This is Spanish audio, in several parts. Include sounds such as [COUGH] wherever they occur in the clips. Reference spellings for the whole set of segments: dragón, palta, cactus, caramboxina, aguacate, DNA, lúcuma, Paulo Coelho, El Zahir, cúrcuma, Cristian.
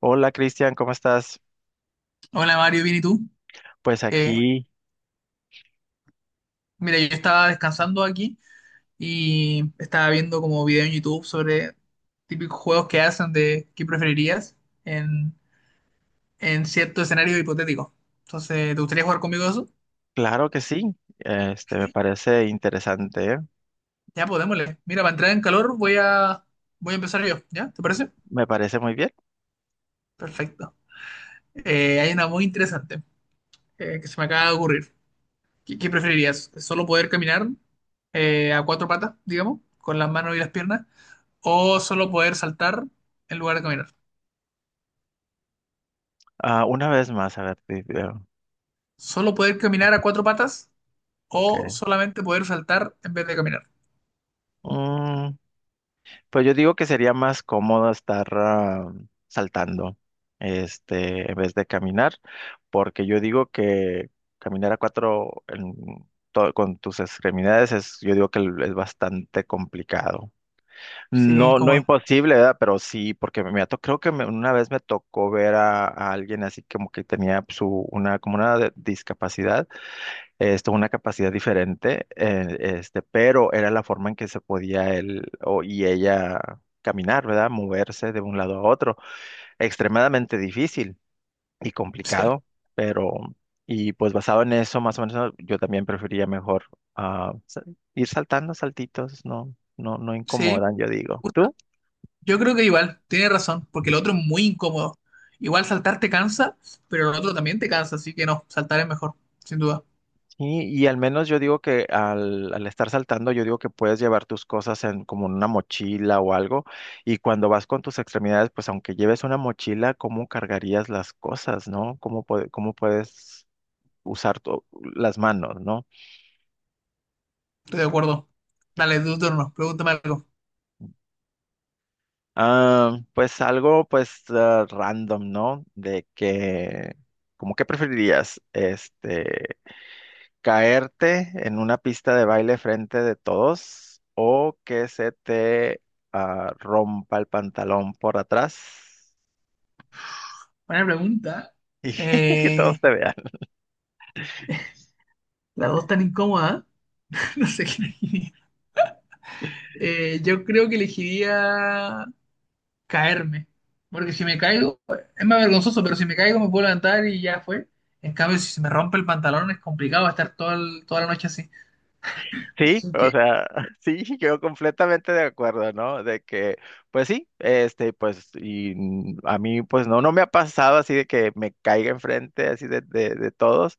Hola Cristian, ¿cómo estás? Hola Mario, bien, ¿y tú? Pues Eh, aquí, Mira, yo estaba descansando aquí y estaba viendo como video en YouTube sobre típicos juegos que hacen de qué preferirías en, en cierto escenario hipotético. Entonces, ¿te gustaría jugar conmigo eso? claro que sí, me Sí. parece interesante, ¿eh? Ya, pues démosle. Mira, para entrar en calor voy a empezar yo, ¿ya? ¿Te parece? Me parece muy bien. Perfecto. Hay una muy interesante que se me acaba de ocurrir. ¿Qué preferirías? ¿Solo poder caminar a cuatro patas, digamos, con las manos y las piernas? ¿O solo poder saltar en lugar de caminar? Ah, una vez más, a ver, Solo poder caminar a cuatro patas o ok. solamente poder saltar en vez de caminar. Mm, pues yo digo que sería más cómodo estar saltando, en vez de caminar, porque yo digo que caminar a cuatro en con tus extremidades es, yo digo que es bastante complicado. Sí, No, no incómodo. imposible, ¿verdad? Pero sí, porque me ha creo que una vez me tocó ver a alguien así como que tenía su, una, como una discapacidad, esto, una capacidad diferente, pero era la forma en que se podía él y ella caminar, ¿verdad? Moverse de un lado a otro. Extremadamente difícil y Sí, complicado, pero, y pues basado en eso, más o menos, yo también prefería mejor ah, sa- ir saltando saltitos, no, no, no sí, me incomodan, yo digo. gusta. ¿Tú? Yo creo que igual, tiene razón, porque el otro es muy incómodo. Igual saltar te cansa, pero el otro también te cansa, así que no, saltar es mejor, sin duda. Y al menos yo digo que al estar saltando, yo digo que puedes llevar tus cosas en como en una mochila o algo. Y cuando vas con tus extremidades, pues aunque lleves una mochila, ¿cómo cargarías las cosas, no? ¿Cómo, cómo puedes usar las manos, no? Estoy de acuerdo. Dale, tu turno, pregúntame algo. Ah, pues algo, pues random, ¿no? De que, ¿cómo que preferirías? Caerte en una pista de baile frente de todos o que se te rompa el pantalón por atrás Buena pregunta. [LAUGHS] y todos Eh, te vean. las dos tan incómodas. [LAUGHS] No sé qué elegiría. Yo creo que elegiría caerme. Porque si me caigo, es más vergonzoso, pero si me caigo me puedo levantar y ya fue. En cambio, si se me rompe el pantalón es complicado, va a estar toda, toda la noche así. Sí, Así o que sea, [LAUGHS] sí, yo completamente de acuerdo, ¿no? De que, pues sí, a mí, pues no, no me ha pasado así de que me caiga enfrente así de todos,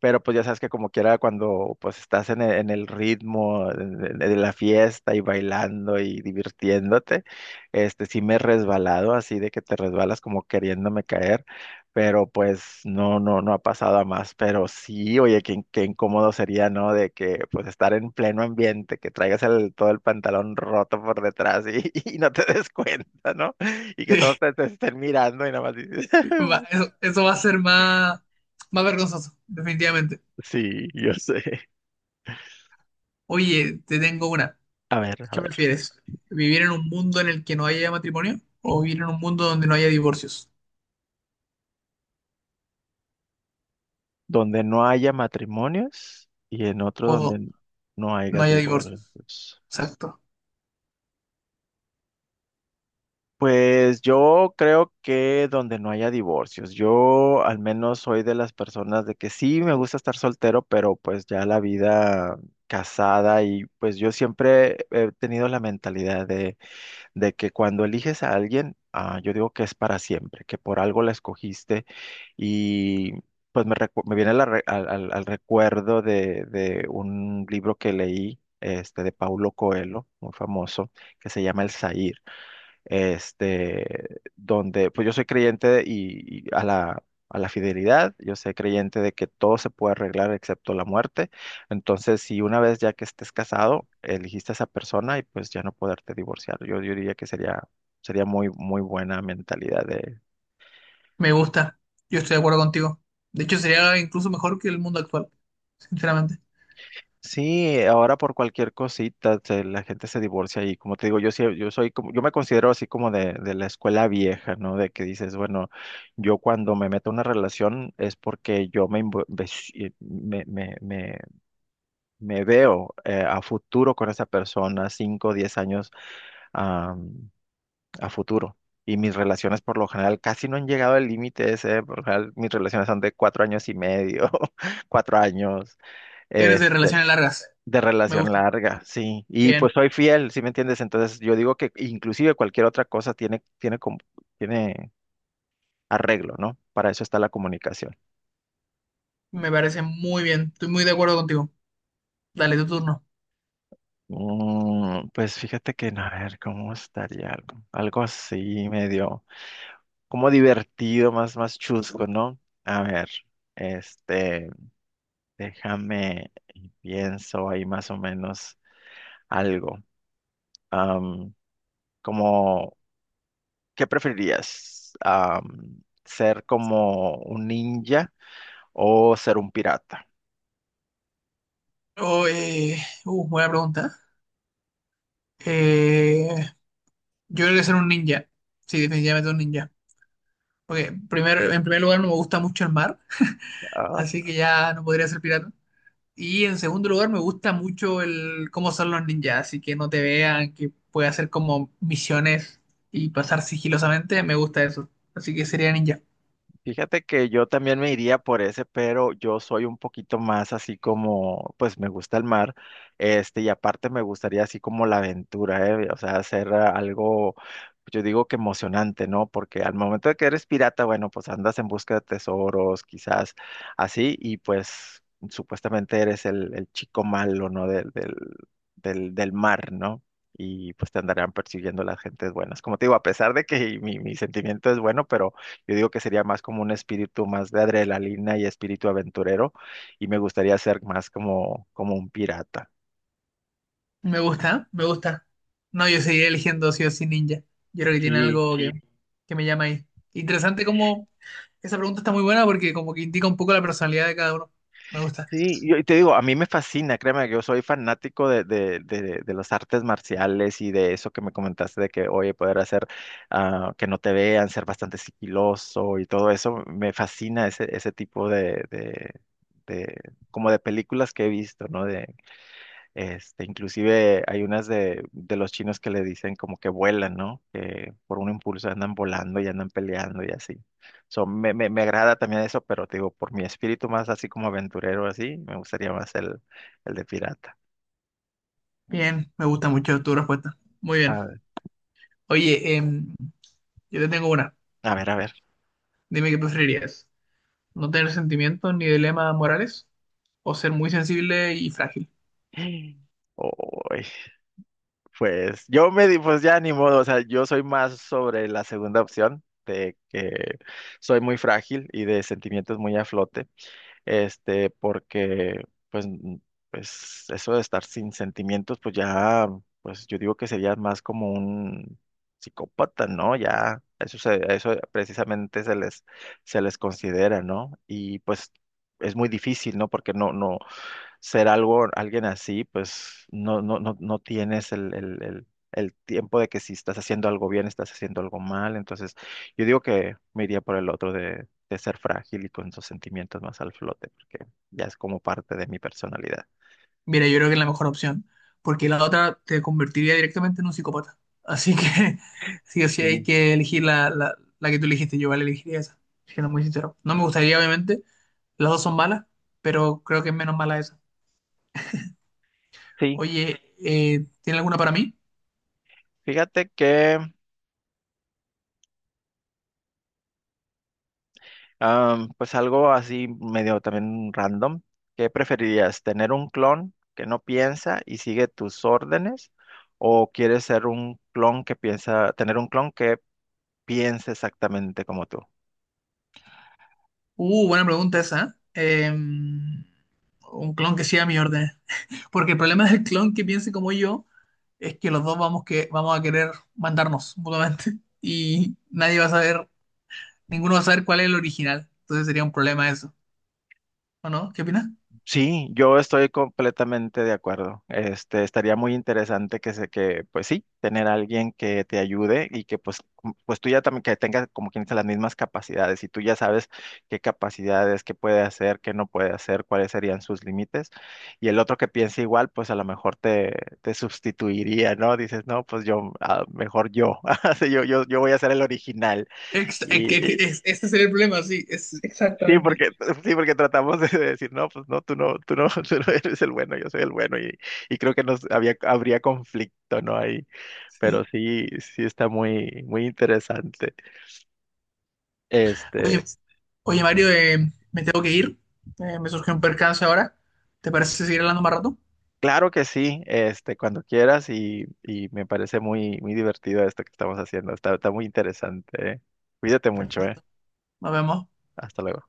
pero pues ya sabes que como quiera cuando pues estás en el ritmo de la fiesta y bailando y divirtiéndote, sí me he resbalado así de que te resbalas como queriéndome caer pero pues no, no, no ha pasado a más, pero sí, oye, qué, qué incómodo sería, ¿no? De que pues estar en pleno ambiente, que traigas el, todo el pantalón roto por detrás y, [LAUGHS] y no te des cuenta, ¿no? Y que todos te, [LAUGHS] te estén mirando y nada más dices, sí, [LAUGHS] eso va a ser más vergonzoso, definitivamente. sí, yo sé. Oye, te tengo una. A ¿Qué ver, prefieres? ¿Vivir en un mundo en el que no haya matrimonio o vivir en un mundo donde no haya divorcios? donde no haya matrimonios y en otro O do- donde no no haya haya divorcios. divorcios. Exacto. Pues yo creo que donde no haya divorcios, yo al menos soy de las personas de que sí me gusta estar soltero, pero pues ya la vida casada y pues yo siempre he tenido la mentalidad de que cuando eliges a alguien, yo digo que es para siempre, que por algo la escogiste y pues me, me viene la al recuerdo de un libro que leí, de Paulo Coelho, muy famoso, que se llama El Zahir, donde pues yo soy creyente y a la fidelidad, yo soy creyente de que todo se puede arreglar excepto la muerte. Entonces, si una vez ya que estés casado, elegiste a esa persona y pues ya no poderte divorciar, yo diría que sería, sería muy, muy buena mentalidad. Me gusta. Yo estoy de acuerdo contigo. De hecho, sería incluso mejor que el mundo actual, sinceramente. Sí, ahora por cualquier cosita la gente se divorcia y como te digo, yo sí, yo soy como, yo me considero así como de la escuela vieja, ¿no? De que dices, bueno, yo cuando me meto en una relación es porque yo me, me veo a futuro con esa persona, 5 o 10 años, am, a futuro. Y mis relaciones por lo general casi no han llegado al límite ese, por lo general mis relaciones son de cuatro años y medio, [LAUGHS] cuatro años. Eres eh, de relaciones largas. de Me relación gusta. larga, sí. Y Bien. pues soy fiel, ¿sí me entiendes? Entonces yo digo que inclusive cualquier otra cosa tiene, tiene, tiene arreglo, ¿no? Para eso está la comunicación. Me parece muy bien. Estoy muy de acuerdo contigo. Dale, tu turno. Pues fíjate que, no, a ver, ¿cómo estaría algo? Algo así, medio, como divertido, más, más chusco, ¿no? A ver, este, déjame, y pienso ahí más o menos algo. Am, como ¿Qué preferirías? ¿Ser como un ninja o ser un pirata? Oh, eh, Buena pregunta. Eh, yo creo que ser un ninja. Sí, definitivamente un ninja. En primer lugar no me gusta mucho el mar, así que ya no podría ser pirata. Y en segundo lugar me gusta mucho el cómo son los ninjas, así que no te vean, que pueda hacer como misiones y pasar sigilosamente. Me gusta eso. Así que sería ninja. Fíjate que yo también me iría por ese, pero yo soy un poquito más así como, pues me gusta el mar, y aparte me gustaría así como la aventura, ¿eh? O sea, hacer algo, yo digo que emocionante, ¿no? Porque al momento de que eres pirata, bueno, pues andas en busca de tesoros, quizás así, y pues supuestamente eres el chico malo, ¿no? Del mar, ¿no? Y pues te andarán persiguiendo las gentes buenas. Como te digo, a pesar de que mi sentimiento es bueno, pero yo digo que sería más como un espíritu más de adrenalina y espíritu aventurero y me gustaría ser más como, como un pirata. Me gusta, me gusta. No, yo seguiré eligiendo sí o sí ninja. Yo creo que tiene Sí, algo que, sí, que me llama ahí. Interesante como esa pregunta está muy buena porque como que indica un poco la personalidad de cada uno. Me gusta. sí, yo y te digo, a mí me fascina, créeme que yo soy fanático de las artes marciales y de eso que me comentaste de que, oye, poder hacer que no te vean, ser bastante sigiloso y todo eso, me fascina ese, ese tipo de, como de películas que he visto, ¿no? Este, inclusive hay unas de los chinos que le dicen como que vuelan, ¿no? Que por un impulso andan volando y andan peleando y así. So, me agrada también eso, pero te digo, por mi espíritu más así como aventurero, así, me gustaría más el de pirata. Bien, me gusta mucho tu respuesta. Muy A bien. ver, Oye, yo te tengo una. a ver, a ver. Dime qué preferirías. ¿No tener sentimientos ni dilemas morales? ¿O ser muy sensible y frágil? [GASPS] Uy, pues yo me di, pues ya ni modo, o sea, yo soy más sobre la segunda opción, de que soy muy frágil y de sentimientos muy a flote. Porque pues, pues eso de estar sin sentimientos, pues ya, pues yo digo que sería más como un psicópata, ¿no? Ya, eso se, a eso precisamente se les considera, ¿no? Y pues es muy difícil, ¿no? Porque no, no, ser algo, alguien así, pues no, no, no, no tienes el tiempo de que si estás haciendo algo bien, estás haciendo algo mal. Entonces, yo digo que me iría por el otro de ser frágil y con esos sentimientos más al flote, porque ya es como parte de mi personalidad. Mira, yo creo que es la mejor opción, porque la otra te convertiría directamente en un psicópata. Así que [LAUGHS] sí o sí hay Sí. que elegir la que tú elegiste, yo vale elegiría esa, siendo muy sincero. No me gustaría, obviamente, las dos son malas, pero creo que es menos mala esa. Sí, Oye, ¿tiene alguna para mí? fíjate que, pues algo así medio también random. ¿Qué preferirías? ¿Tener un clon que no piensa y sigue tus órdenes? ¿O quieres ser un clon que piensa, tener un clon que piensa exactamente como tú? Buena pregunta esa, ¿eh? Un clon que siga mi orden. Porque el problema del clon que piense como yo es que los dos vamos a querer mandarnos mutuamente y nadie va a saber. Ninguno va a saber cuál es el original. Entonces sería un problema eso. ¿O no? ¿Qué opinas? Sí, yo estoy completamente de acuerdo. Estaría muy interesante que se, que, pues sí, tener a alguien que te ayude y que pues, pues tú ya también que tengas como quien dice las mismas capacidades y tú ya sabes qué capacidades, qué puede hacer, qué no puede hacer, cuáles serían sus límites. Y el otro que piense igual, pues a lo mejor te sustituiría, ¿no? Dices, no, pues yo, ah, mejor yo. [LAUGHS] Sí, yo voy a ser el original. Ex- es que es- Ese sería el problema, sí. Es Sí, exactamente. porque, [LAUGHS] sí, porque tratamos de decir, no, pues no, tú no, tú no, [LAUGHS] tú no eres el bueno, yo soy el bueno, y creo que habría conflicto, ¿no? Ahí, pero Sí. sí, sí está muy, muy interesante. Oye, Este, oye, Mario, me tengo que ir. Me surgió un percance ahora. ¿Te parece seguir hablando más rato? claro que sí, cuando quieras, y me parece muy, muy divertido esto que estamos haciendo, está, está muy interesante, ¿eh? Cuídate mucho, ¿eh? Perfecto. Nos vemos. Hasta luego.